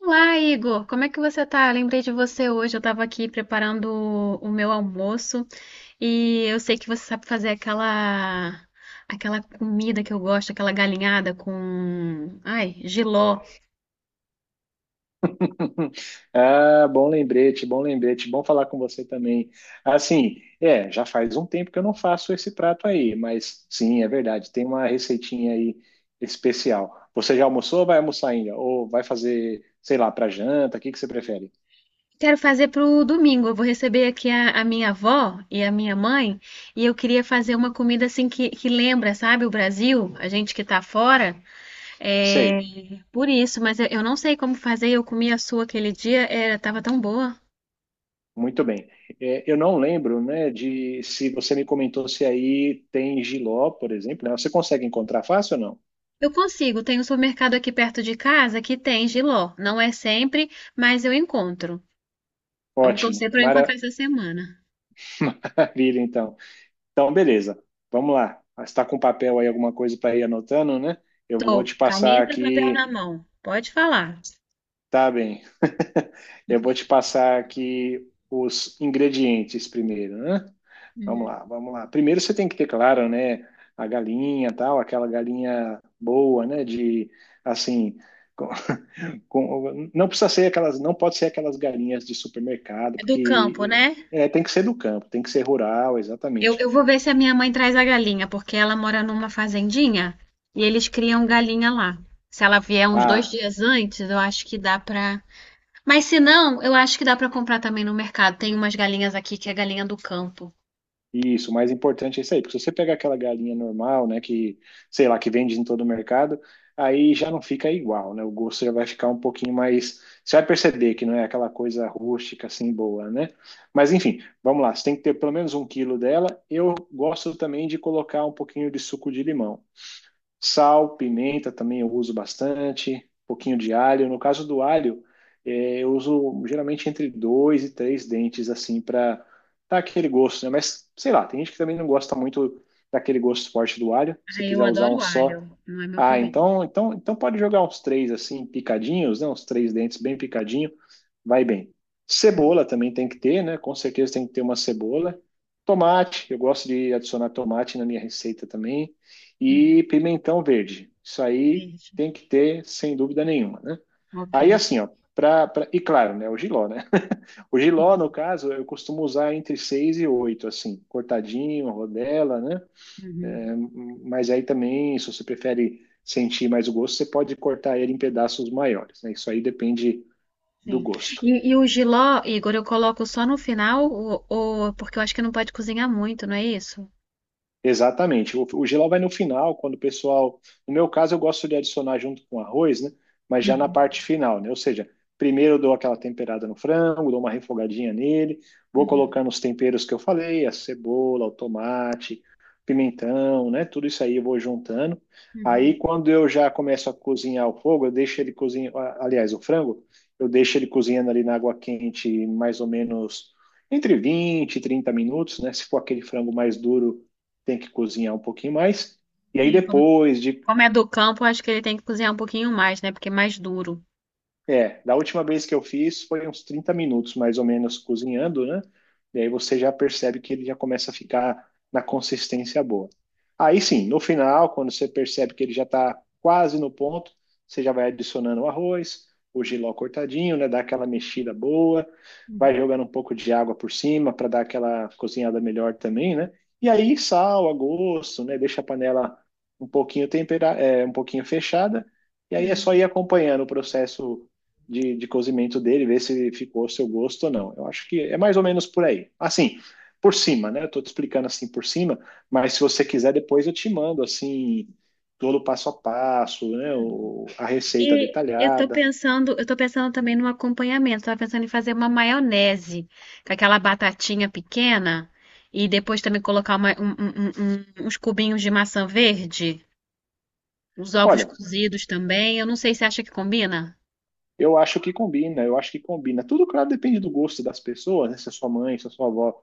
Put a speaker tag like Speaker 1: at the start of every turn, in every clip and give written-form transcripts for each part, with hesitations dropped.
Speaker 1: Olá, Igor. Como é que você tá? Eu lembrei de você hoje. Eu tava aqui preparando o meu almoço e eu sei que você sabe fazer aquela aquela comida que eu gosto, aquela galinhada com, ai, jiló.
Speaker 2: Ah, bom lembrete, bom lembrete, bom falar com você também. Assim, é, já faz um tempo que eu não faço esse prato aí, mas sim, é verdade, tem uma receitinha aí especial. Você já almoçou ou vai almoçar ainda? Ou vai fazer, sei lá, para janta? O que que você prefere?
Speaker 1: Quero fazer pro domingo. Eu vou receber aqui a minha avó e a minha mãe e eu queria fazer uma comida assim que lembra, sabe, o Brasil, a gente que tá fora. É,
Speaker 2: Sei,
Speaker 1: por isso, mas eu não sei como fazer. Eu comi a sua aquele dia, era, tava tão boa.
Speaker 2: muito bem. É, eu não lembro, né, de se você me comentou se aí tem jiló, por exemplo, né? Você consegue encontrar fácil ou não?
Speaker 1: Eu consigo, tem um supermercado aqui perto de casa que tem jiló. Não é sempre, mas eu encontro. Vamos
Speaker 2: Ótimo,
Speaker 1: torcer para eu
Speaker 2: maravilha,
Speaker 1: encontrar essa semana.
Speaker 2: então. Então, beleza. Vamos lá. Ah, você está com papel aí, alguma coisa para ir anotando, né? Eu vou
Speaker 1: Tô,
Speaker 2: te passar
Speaker 1: caneta, e papel na
Speaker 2: aqui.
Speaker 1: mão. Pode falar.
Speaker 2: Tá bem. Eu vou te passar aqui os ingredientes primeiro, né? Vamos
Speaker 1: Uhum.
Speaker 2: lá, vamos lá. Primeiro você tem que ter claro, né? A galinha, tal, aquela galinha boa, né? De assim, com- não precisa ser aquelas, não pode ser aquelas galinhas de supermercado,
Speaker 1: É do campo,
Speaker 2: porque
Speaker 1: né?
Speaker 2: é, tem que ser do campo, tem que ser rural,
Speaker 1: Eu,
Speaker 2: exatamente.
Speaker 1: eu vou ver se a minha mãe traz a galinha, porque ela mora numa fazendinha e eles criam galinha lá. Se ela vier uns dois
Speaker 2: Ah.
Speaker 1: dias antes, eu acho que dá pra. Mas se não, eu acho que dá pra comprar também no mercado. Tem umas galinhas aqui que é galinha do campo.
Speaker 2: Isso, o mais importante é isso aí, porque se você pegar aquela galinha normal, né, que, sei lá, que vende em todo o mercado, aí já não fica igual, né? O gosto já vai ficar um pouquinho mais. Você vai perceber que não é aquela coisa rústica assim boa, né? Mas enfim, vamos lá, você tem que ter pelo menos 1 quilo dela. Eu gosto também de colocar um pouquinho de suco de limão. Sal, pimenta também eu uso bastante, um pouquinho de alho. No caso do alho, eu uso geralmente entre dois e três dentes, assim, para dar aquele gosto, né? Mas sei lá, tem gente que também não gosta muito daquele gosto forte do alho. Se
Speaker 1: Ah,
Speaker 2: você
Speaker 1: eu
Speaker 2: quiser usar um
Speaker 1: adoro
Speaker 2: só,
Speaker 1: alho, não é meu
Speaker 2: ah,
Speaker 1: problema.
Speaker 2: então, então, então pode jogar uns três assim, picadinhos, né? Uns três dentes bem picadinho, vai bem. Cebola também tem que ter, né? Com certeza tem que ter uma cebola. Tomate, eu gosto de adicionar tomate na minha receita também. E
Speaker 1: Uhum.
Speaker 2: pimentão verde. Isso aí
Speaker 1: Beijo.
Speaker 2: tem que ter, sem dúvida nenhuma, né?
Speaker 1: Ok.
Speaker 2: Aí assim, ó, e claro, né? O jiló, né? O jiló,
Speaker 1: Sim.
Speaker 2: no caso, eu costumo usar entre seis e oito, assim, cortadinho, rodela, né?
Speaker 1: Uhum.
Speaker 2: É, mas aí também, se você prefere sentir mais o gosto, você pode cortar ele em pedaços maiores, né? Isso aí depende do
Speaker 1: Sim.
Speaker 2: gosto.
Speaker 1: E o jiló, Igor, eu coloco só no final, ou- porque eu acho que não pode cozinhar muito, não é isso?
Speaker 2: Exatamente. O jiló vai no final, quando o pessoal. No meu caso, eu gosto de adicionar junto com o arroz, né? Mas já na
Speaker 1: Uhum.
Speaker 2: parte final, né? Ou seja, primeiro eu dou aquela temperada no frango, dou uma refogadinha nele, vou
Speaker 1: Uhum.
Speaker 2: colocando os temperos que eu falei, a cebola, o tomate, pimentão, né? Tudo isso aí eu vou juntando. Aí,
Speaker 1: Uhum.
Speaker 2: quando eu já começo a cozinhar o fogo, eu deixo ele cozinhando. Aliás, o frango, eu deixo ele cozinhando ali na água quente, mais ou menos entre vinte e 30 minutos, né? Se for aquele frango mais duro tem que cozinhar um pouquinho mais. E aí
Speaker 1: Sim, como,
Speaker 2: depois de
Speaker 1: como é do campo, eu acho que ele tem que cozinhar um pouquinho mais, né? Porque é mais duro.
Speaker 2: É, da última vez que eu fiz foi uns 30 minutos mais ou menos cozinhando, né? E aí você já percebe que ele já começa a ficar na consistência boa. Aí sim, no final, quando você percebe que ele já está quase no ponto, você já vai adicionando o arroz, o jiló cortadinho, né? Dá aquela mexida boa,
Speaker 1: Uhum.
Speaker 2: vai jogando um pouco de água por cima para dar aquela cozinhada melhor também, né? E aí sal a gosto, né? Deixa a panela um pouquinho tempera, é, um pouquinho fechada. E aí é só
Speaker 1: Uhum.
Speaker 2: ir acompanhando o processo de cozimento dele, ver se ficou ao seu gosto ou não. Eu acho que é mais ou menos por aí. Assim, por cima, né? Eu tô te explicando assim por cima, mas se você quiser, depois eu te mando assim, todo o passo a passo, né? A receita
Speaker 1: E
Speaker 2: detalhada.
Speaker 1: eu tô pensando também no acompanhamento. Tava pensando em fazer uma maionese com aquela batatinha pequena e depois também colocar uns cubinhos de maçã verde. Os ovos
Speaker 2: Olha,
Speaker 1: cozidos também. Eu não sei se acha que combina.
Speaker 2: eu acho que combina, eu acho que combina. Tudo, claro, depende do gosto das pessoas, né? Se a sua mãe, se a sua avó,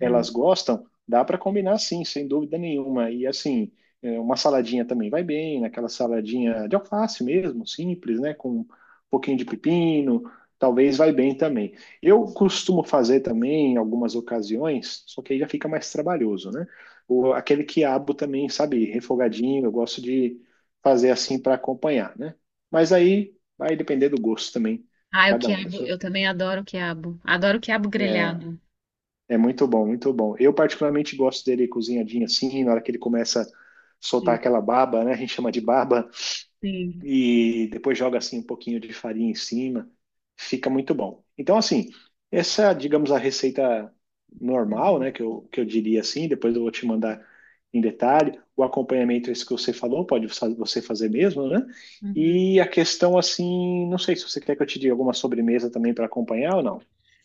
Speaker 2: elas gostam, dá para combinar sim, sem dúvida nenhuma. E assim, é, uma saladinha também vai bem, aquela saladinha de alface mesmo, simples, né? Com um pouquinho de pepino, talvez vai bem também. Eu costumo fazer também em algumas ocasiões, só que aí já fica mais trabalhoso, né? Aquele quiabo também, sabe, refogadinho, eu gosto de fazer assim para acompanhar, né? Mas aí vai depender do gosto também de
Speaker 1: Ah, o
Speaker 2: cada um. Né?
Speaker 1: quiabo. Eu
Speaker 2: Isso
Speaker 1: também adoro o quiabo. Adoro o quiabo
Speaker 2: É,
Speaker 1: grelhado.
Speaker 2: é muito bom, muito bom. Eu particularmente gosto dele cozinhadinho assim, na hora que ele começa a soltar
Speaker 1: Sim,
Speaker 2: aquela baba, né? A gente chama de baba,
Speaker 1: sim.
Speaker 2: e depois joga assim um pouquinho de farinha em cima. Fica muito bom. Então, assim, essa, digamos, a receita normal,
Speaker 1: Uhum,
Speaker 2: né? Que eu diria assim, depois eu vou te mandar em detalhe. O acompanhamento, esse que você falou, pode você fazer mesmo, né?
Speaker 1: uhum.
Speaker 2: E a questão assim, não sei se você quer que eu te diga alguma sobremesa também para acompanhar ou não.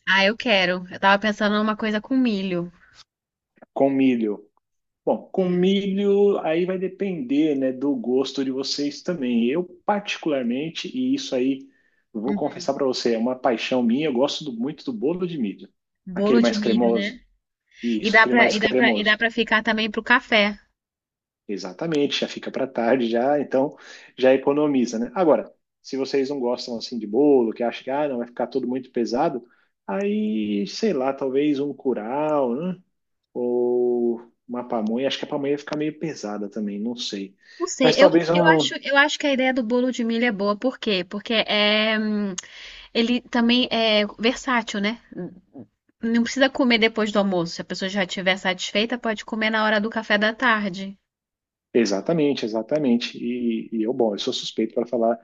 Speaker 1: Ah, eu quero. Eu tava pensando numa coisa com milho.
Speaker 2: Com milho. Bom, com
Speaker 1: É.
Speaker 2: milho aí vai depender, né, do gosto de vocês também. Eu particularmente, e isso aí eu vou
Speaker 1: Uhum.
Speaker 2: confessar para você, é uma paixão minha, eu gosto muito do bolo de milho.
Speaker 1: Bolo
Speaker 2: Aquele
Speaker 1: de
Speaker 2: mais
Speaker 1: milho, né?
Speaker 2: cremoso.
Speaker 1: E
Speaker 2: Isso,
Speaker 1: dá
Speaker 2: aquele
Speaker 1: pra,
Speaker 2: mais
Speaker 1: e dá pra, e dá
Speaker 2: cremoso.
Speaker 1: pra ficar também pro café.
Speaker 2: Exatamente, já fica para tarde já, então já economiza, né? Agora, se vocês não gostam assim de bolo, que acham que ah, não vai ficar tudo muito pesado, aí, sei lá, talvez um curau, né? ou uma pamonha. Acho que a pamonha ia ficar meio pesada também, não sei.
Speaker 1: Não sei,
Speaker 2: Mas
Speaker 1: eu,
Speaker 2: talvez eu
Speaker 1: eu acho, eu acho que a ideia do bolo de milho é boa, por quê? Porque é, ele também é versátil, né? Não precisa comer depois do almoço. Se a pessoa já estiver satisfeita, pode comer na hora do café da tarde.
Speaker 2: Exatamente, exatamente. E eu, bom, eu sou suspeito para falar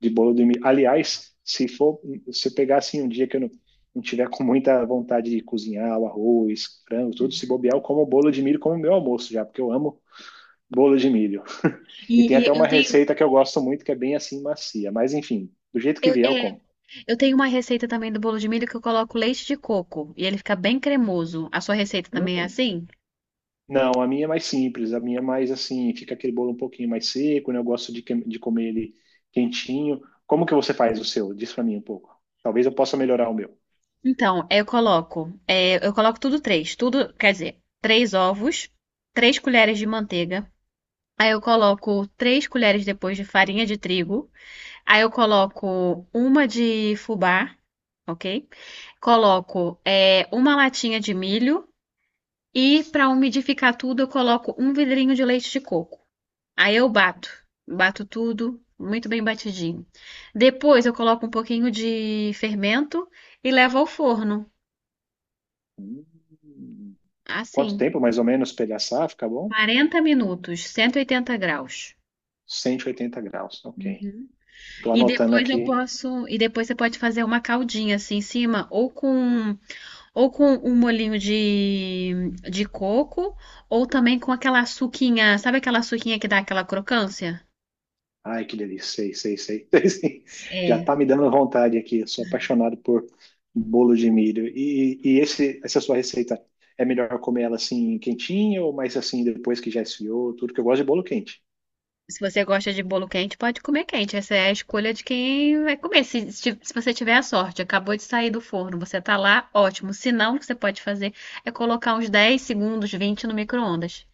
Speaker 2: de bolo de milho. Aliás, se eu pegar assim um dia que eu não tiver com muita vontade de cozinhar o arroz, frango, tudo, se bobear, eu como bolo de milho como meu almoço já, porque eu amo bolo de milho. E tem até
Speaker 1: E eu
Speaker 2: uma
Speaker 1: tenho,
Speaker 2: receita que eu gosto muito, que é bem assim macia. Mas enfim, do jeito que
Speaker 1: eu,
Speaker 2: vier, eu
Speaker 1: é,
Speaker 2: como.
Speaker 1: eu tenho uma receita também do bolo de milho que eu coloco leite de coco e ele fica bem cremoso. A sua receita também é
Speaker 2: Hum.
Speaker 1: assim?
Speaker 2: Não, a minha é mais simples, a minha é mais assim, fica aquele bolo um pouquinho mais seco, né? Eu gosto de comer ele quentinho. Como que você faz o seu? Diz pra mim um pouco. Talvez eu possa melhorar o meu.
Speaker 1: Então, eu coloco, eu coloco tudo três, tudo, quer dizer, três ovos, três colheres de manteiga. Aí eu coloco três colheres depois de farinha de trigo. Aí eu coloco uma de fubá, ok? Coloco uma latinha de milho e para umidificar tudo eu coloco um vidrinho de leite de coco. Aí eu bato, bato tudo muito bem batidinho. Depois eu coloco um pouquinho de fermento e levo ao forno,
Speaker 2: Hum, Quanto
Speaker 1: assim,
Speaker 2: tempo mais ou menos pra ele assar? Fica bom?
Speaker 1: 40 minutos, 180 graus.
Speaker 2: 180 graus, ok. Tô
Speaker 1: E
Speaker 2: anotando
Speaker 1: depois eu
Speaker 2: aqui.
Speaker 1: posso, e depois você pode fazer uma caldinha assim em cima, ou com um molhinho de coco, ou também com aquela suquinha, sabe aquela suquinha que dá aquela crocância?
Speaker 2: Ai, que delícia. Sei, sei, sei. Sei, sei. Já tá
Speaker 1: É.
Speaker 2: me dando vontade aqui. Eu sou apaixonado por bolo de milho. E esse, essa sua receita, é melhor comer ela assim quentinha ou mais assim depois que já esfriou? Tudo que eu gosto de bolo quente.
Speaker 1: Se você gosta de bolo quente, pode comer quente. Essa é a escolha de quem vai comer. Se, se se você tiver a sorte, acabou de sair do forno, você tá lá, ótimo. Se não, o que você pode fazer é colocar uns 10 segundos, 20 no micro-ondas.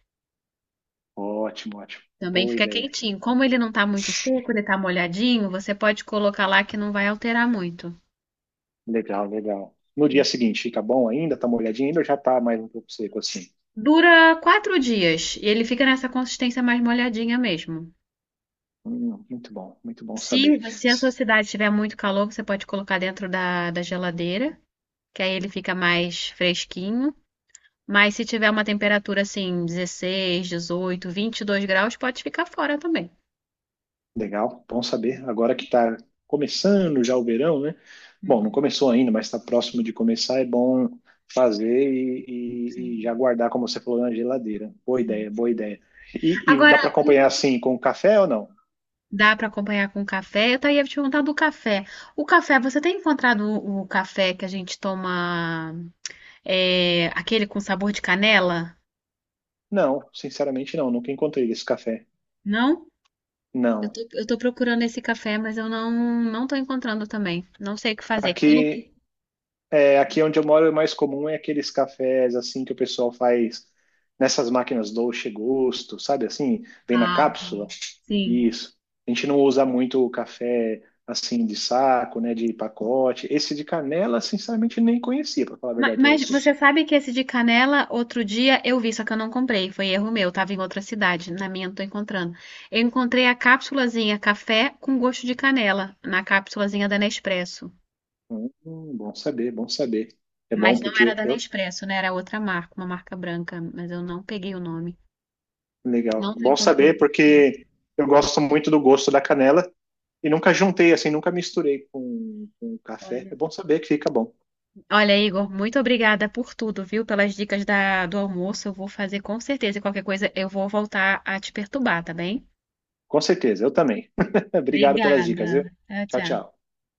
Speaker 2: Ótimo, ótimo.
Speaker 1: Também
Speaker 2: Boa
Speaker 1: fica
Speaker 2: ideia.
Speaker 1: quentinho. Como ele não tá muito seco, ele tá molhadinho, você pode colocar lá que não vai alterar muito.
Speaker 2: Legal, legal. No dia seguinte, fica bom ainda? Tá molhadinho ainda ou já tá mais um pouco seco assim?
Speaker 1: Dura quatro dias e ele fica nessa consistência mais molhadinha mesmo.
Speaker 2: Muito bom, muito bom saber.
Speaker 1: Se a sua cidade tiver muito calor, você pode colocar dentro da geladeira, que aí ele fica mais fresquinho. Mas se tiver uma temperatura assim, 16, 18, 22 graus, pode ficar fora também.
Speaker 2: Legal, bom saber. Agora que está começando já o verão, né? Bom, não começou ainda, mas está próximo de começar. É bom fazer e já
Speaker 1: Sim,
Speaker 2: guardar, como você falou, na geladeira. Boa ideia,
Speaker 1: sim.
Speaker 2: boa ideia. E dá
Speaker 1: Agora,
Speaker 2: para acompanhar assim com café ou não?
Speaker 1: dá para acompanhar com café. Eu até ia te perguntar do café. O café, você tem encontrado o café que a gente toma, é, aquele com sabor de canela?
Speaker 2: Não, sinceramente não. Nunca encontrei esse café.
Speaker 1: Não? Eu
Speaker 2: Não.
Speaker 1: tô, eu tô procurando esse café, mas eu não não tô encontrando também. Não sei o que fazer. Eu não...
Speaker 2: Aqui, é, aqui onde eu moro, o mais comum é aqueles cafés assim que o pessoal faz nessas máquinas Dolce Gusto, sabe assim? Vem na
Speaker 1: Ah, ok.
Speaker 2: cápsula.
Speaker 1: Sim.
Speaker 2: Isso. A gente não usa muito o café assim de saco, né, de pacote. Esse de canela, sinceramente, nem conhecia, para falar a
Speaker 1: Ma-
Speaker 2: verdade para
Speaker 1: Mas,
Speaker 2: você.
Speaker 1: você sabe que esse de canela, outro dia eu vi, só que eu não comprei. Foi erro meu, tava em outra cidade. Na minha eu não tô encontrando. Eu encontrei a cápsulazinha café com gosto de canela, na cápsulazinha da Nespresso.
Speaker 2: Hum, Bom saber, bom saber. É bom
Speaker 1: Mas não era
Speaker 2: porque
Speaker 1: da
Speaker 2: eu,
Speaker 1: Nespresso, né? Era outra marca, uma marca branca, mas eu não peguei o nome.
Speaker 2: legal.
Speaker 1: Não tô
Speaker 2: Bom
Speaker 1: encontrando
Speaker 2: saber
Speaker 1: aqui.
Speaker 2: porque eu gosto muito do gosto da canela e nunca juntei assim, nunca misturei com café.
Speaker 1: Olha.
Speaker 2: É bom saber que fica bom.
Speaker 1: Olha, Igor, muito obrigada por tudo, viu? Pelas dicas da, do almoço. Eu vou fazer com certeza. E qualquer coisa, eu vou voltar a te perturbar, tá bem?
Speaker 2: Com certeza, eu também. Obrigado pelas
Speaker 1: Obrigada.
Speaker 2: dicas, viu?
Speaker 1: Tchau,
Speaker 2: Tchau,
Speaker 1: tchau.
Speaker 2: tchau.